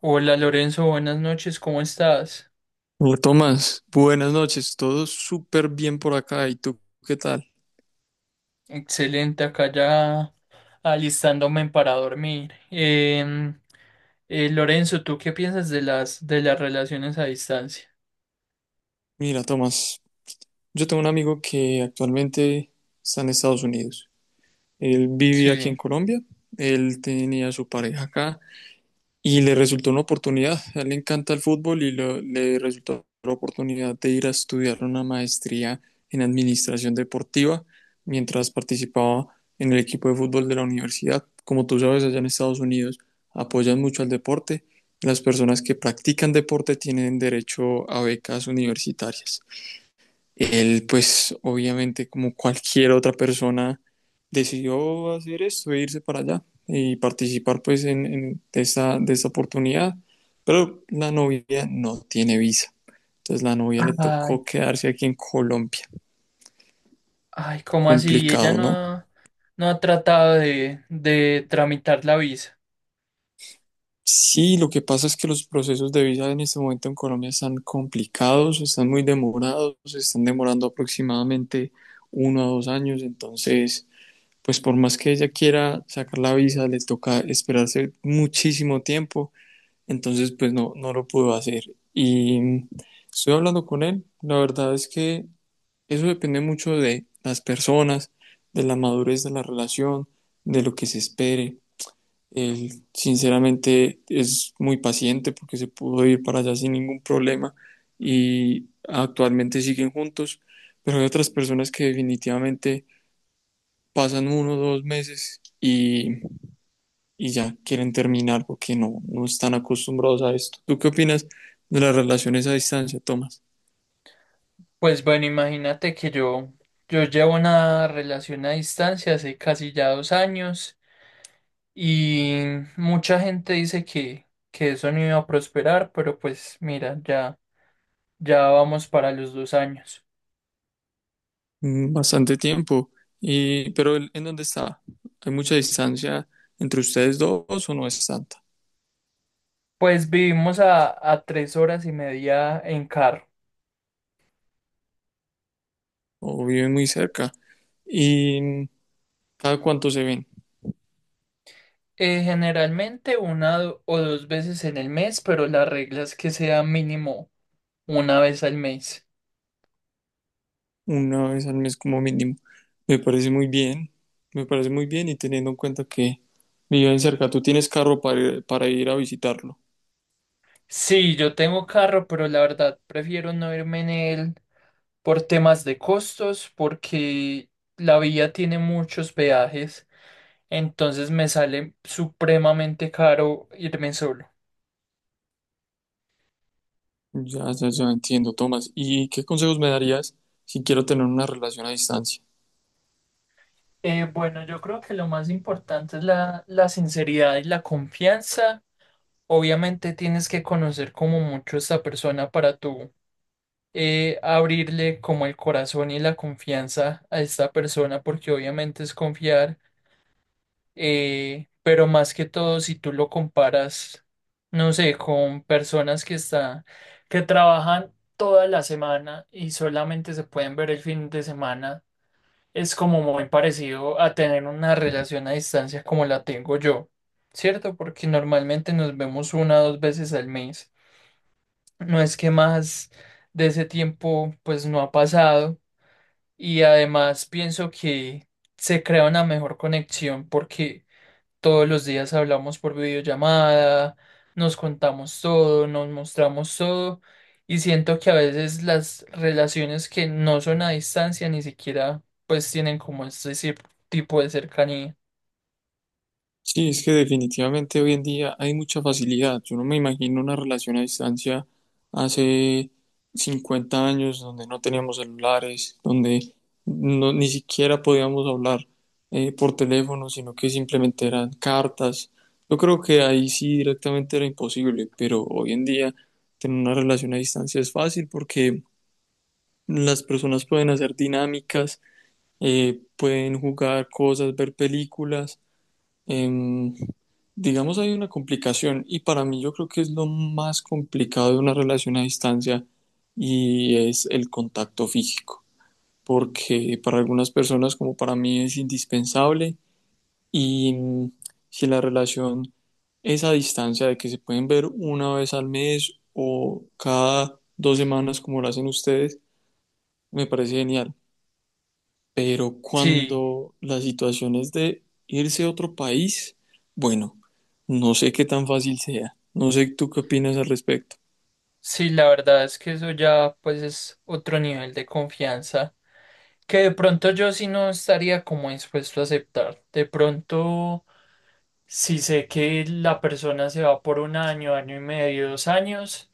Hola Lorenzo, buenas noches, ¿cómo estás? Hola, Tomás, buenas noches, todo súper bien por acá. ¿Y tú qué tal? Excelente, acá ya alistándome para dormir. Lorenzo, ¿tú qué piensas de las relaciones a distancia? Mira, Tomás, yo tengo un amigo que actualmente está en Estados Unidos. Él vive aquí en Sí. Colombia, él tenía su pareja acá y le resultó una oportunidad. A él le encanta el fútbol y le resultó la oportunidad de ir a estudiar una maestría en administración deportiva mientras participaba en el equipo de fútbol de la universidad. Como tú sabes, allá en Estados Unidos apoyan mucho al deporte. Las personas que practican deporte tienen derecho a becas universitarias. Él, pues, obviamente, como cualquier otra persona, decidió hacer esto e irse para allá y participar pues en esa, de esa oportunidad. Pero la novia no tiene visa. Entonces la novia le Ay, tocó quedarse aquí en Colombia. ay, ¿cómo así? Ella Complicado, no, ¿no? No ha tratado de tramitar la visa. Sí, lo que pasa es que los procesos de visa en este momento en Colombia están complicados, están muy demorados, están demorando aproximadamente uno a dos años, entonces, pues por más que ella quiera sacar la visa, le toca esperarse muchísimo tiempo. Entonces, pues no, no lo pudo hacer. Y estoy hablando con él. La verdad es que eso depende mucho de las personas, de la madurez de la relación, de lo que se espere. Él, sinceramente, es muy paciente porque se pudo ir para allá sin ningún problema y actualmente siguen juntos. Pero hay otras personas que definitivamente pasan uno o dos meses y ya quieren terminar porque no, no están acostumbrados a esto. ¿Tú qué opinas de las relaciones a distancia, Tomás? Pues bueno, imagínate que yo llevo una relación a distancia hace casi ya 2 años. Y mucha gente dice que eso no iba a prosperar, pero pues mira, ya vamos para los 2 años. Mm, bastante tiempo, y, pero ¿en dónde está? ¿Hay mucha distancia entre ustedes dos o no es tanta? Pues vivimos a 3 horas y media en carro. ¿O viven muy cerca? ¿Y cada cuánto se ven? Generalmente una o dos veces en el mes, pero la regla es que sea mínimo una vez al mes. Una vez al mes como mínimo. Me parece muy bien, me parece muy bien y teniendo en cuenta que viven cerca, ¿tú tienes carro para para ir a visitarlos? Sí, yo tengo carro, pero la verdad prefiero no irme en él por temas de costos, porque la vía tiene muchos peajes. Entonces me sale supremamente caro irme solo. Ya, ya, ya entiendo, Tomás. ¿Y qué consejos me darías si quiero tener una relación a distancia? Bueno, yo creo que lo más importante es la sinceridad y la confianza. Obviamente tienes que conocer como mucho a esta persona para tú abrirle como el corazón y la confianza a esta persona porque obviamente es confiar. Pero más que todo, si tú lo comparas, no sé, con personas que están, que trabajan toda la semana y solamente se pueden ver el fin de semana, es como muy parecido a tener una relación a distancia como la tengo yo, ¿cierto? Porque normalmente nos vemos una o dos veces al mes. No es que más de ese tiempo pues no ha pasado y además pienso que se crea una mejor conexión porque todos los días hablamos por videollamada, nos contamos todo, nos mostramos todo y siento que a veces las relaciones que no son a distancia ni siquiera pues tienen como ese tipo de cercanía. Sí, es que definitivamente hoy en día hay mucha facilidad. Yo no me imagino una relación a distancia hace 50 años donde no teníamos celulares, donde no, ni siquiera podíamos hablar por teléfono, sino que simplemente eran cartas. Yo creo que ahí sí directamente era imposible, pero hoy en día tener una relación a distancia es fácil porque las personas pueden hacer dinámicas, pueden jugar cosas, ver películas. em, digamos, hay una complicación y para mí yo creo que es lo más complicado de una relación a distancia y es el contacto físico, porque para algunas personas como para mí es indispensable y mm, si la relación es a distancia de que se pueden ver una vez al mes o cada dos semanas como lo hacen ustedes, me parece genial. Pero Sí, cuando la situación es de irse a otro país, bueno, no sé qué tan fácil sea. No sé tú qué opinas al respecto. sí, la verdad es que eso ya pues es otro nivel de confianza que de pronto yo sí no estaría como dispuesto a aceptar. De pronto, si sé que la persona se va por un año, año y medio, 2 años.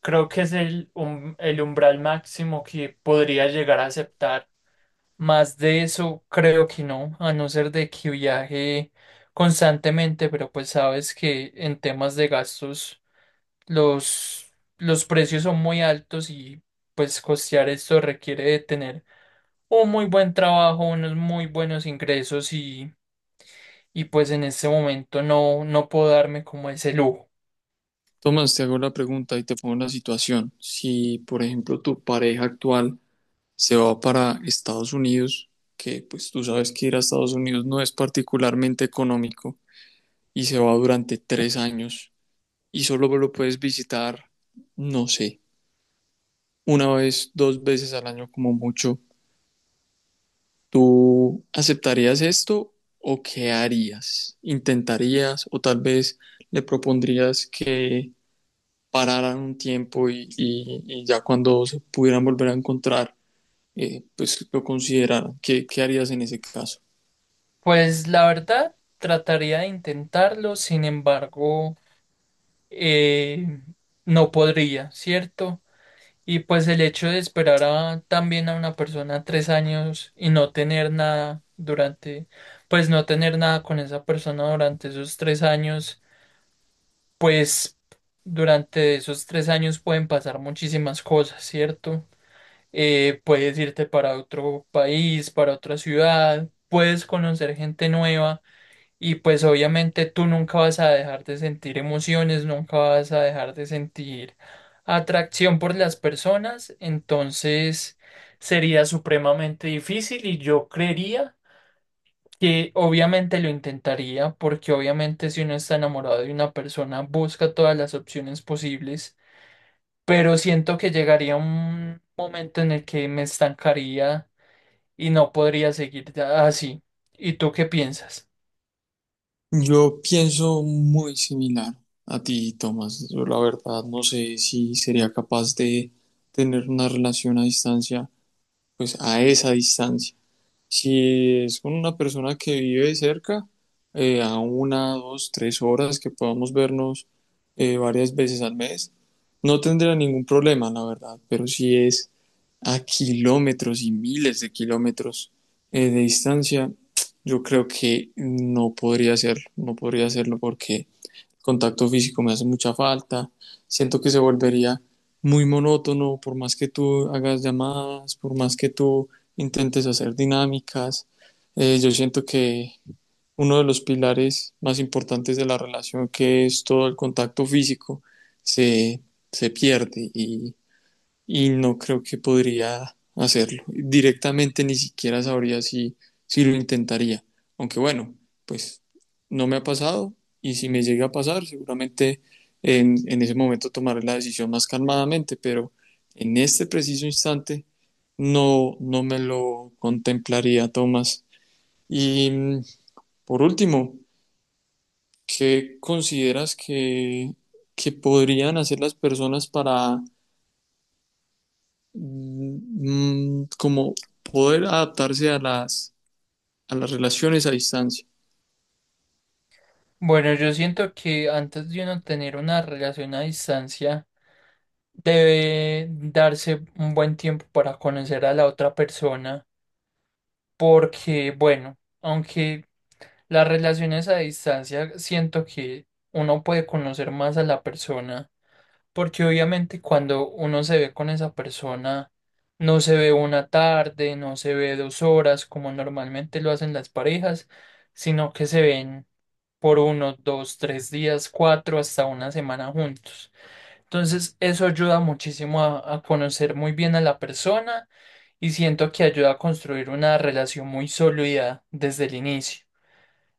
Creo que es el umbral máximo que podría llegar a aceptar. Más de eso, creo que no, a no ser de que viaje constantemente, pero pues sabes que en temas de gastos los, los precios son muy altos y pues costear esto requiere de tener un muy buen trabajo, unos muy buenos ingresos y pues en este momento no puedo darme como ese lujo. Tomás, te hago la pregunta y te pongo la situación. Si, por ejemplo, tu pareja actual se va para Estados Unidos, que pues tú sabes que ir a Estados Unidos no es particularmente económico, y se va durante tres años y solo lo puedes visitar, no sé, una vez, dos veces al año como mucho. ¿Tú aceptarías esto o qué harías? ¿Intentarías o tal vez le propondrías que pararan un tiempo y ya cuando se pudieran volver a encontrar, pues lo consideraran? ¿Qué, qué harías en ese caso? Pues la verdad, trataría de intentarlo, sin embargo. eh, no podría, ¿cierto? Y pues el hecho de esperar a, también a una persona 3 años y no tener nada durante, pues no tener nada con esa persona durante esos 3 años, pues durante esos 3 años pueden pasar muchísimas cosas, ¿cierto? Puedes irte para otro país, para otra ciudad, puedes conocer gente nueva y pues obviamente tú nunca vas a dejar de sentir emociones, nunca vas a dejar de sentir atracción por las personas, entonces sería supremamente difícil y yo creería que obviamente lo intentaría porque obviamente si uno está enamorado de una persona busca todas las opciones posibles, pero siento que llegaría un momento en el que me estancaría y no podría seguir así. ¿Y tú qué piensas? Yo pienso muy similar a ti, Tomás. Yo la verdad no sé si sería capaz de tener una relación a distancia, pues a esa distancia. Si es con una persona que vive cerca, a una, dos, tres horas que podamos vernos varias veces al mes, no tendría ningún problema, la verdad. Pero si es a kilómetros y miles de kilómetros de distancia, yo creo que no podría hacerlo, no podría hacerlo porque contacto físico me hace mucha falta, siento que se volvería muy monótono por más que tú hagas llamadas, por más que tú intentes hacer dinámicas. Yo siento que uno de los pilares más importantes de la relación, que es todo el contacto físico, se, se pierde y no creo que podría hacerlo. Directamente ni siquiera sabría si, si lo intentaría. Aunque bueno, pues no me ha pasado y si me llega a pasar, seguramente en ese momento tomaré la decisión más calmadamente, pero en este preciso instante no, no me lo contemplaría, Tomás. Y mm, por último, ¿qué consideras que podrían hacer las personas para mm, como poder adaptarse a las relaciones a distancia? Bueno, yo siento que antes de uno tener una relación a distancia, debe darse un buen tiempo para conocer a la otra persona, porque, bueno, aunque las relaciones a distancia, siento que uno puede conocer más a la persona, porque obviamente cuando uno se ve con esa persona, no se ve una tarde, no se ve 2 horas, como normalmente lo hacen las parejas, sino que se ven por uno, dos, tres días, cuatro, hasta una semana juntos. Entonces, eso ayuda muchísimo a conocer muy bien a la persona y siento que ayuda a construir una relación muy sólida desde el inicio.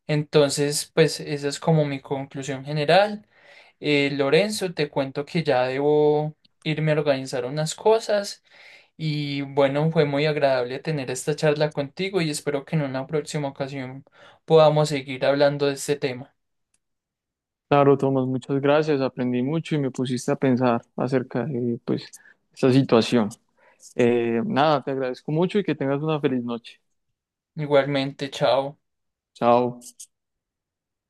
Entonces, pues esa es como mi conclusión general. Lorenzo, te cuento que ya debo irme a organizar unas cosas y bueno, fue muy agradable tener esta charla contigo y espero que en una próxima ocasión podamos seguir hablando de este tema. Claro, Tomás, muchas gracias. Aprendí mucho y me pusiste a pensar acerca de, pues, esta situación. Nada, te agradezco mucho y que tengas una feliz noche. Igualmente, chao. Chao.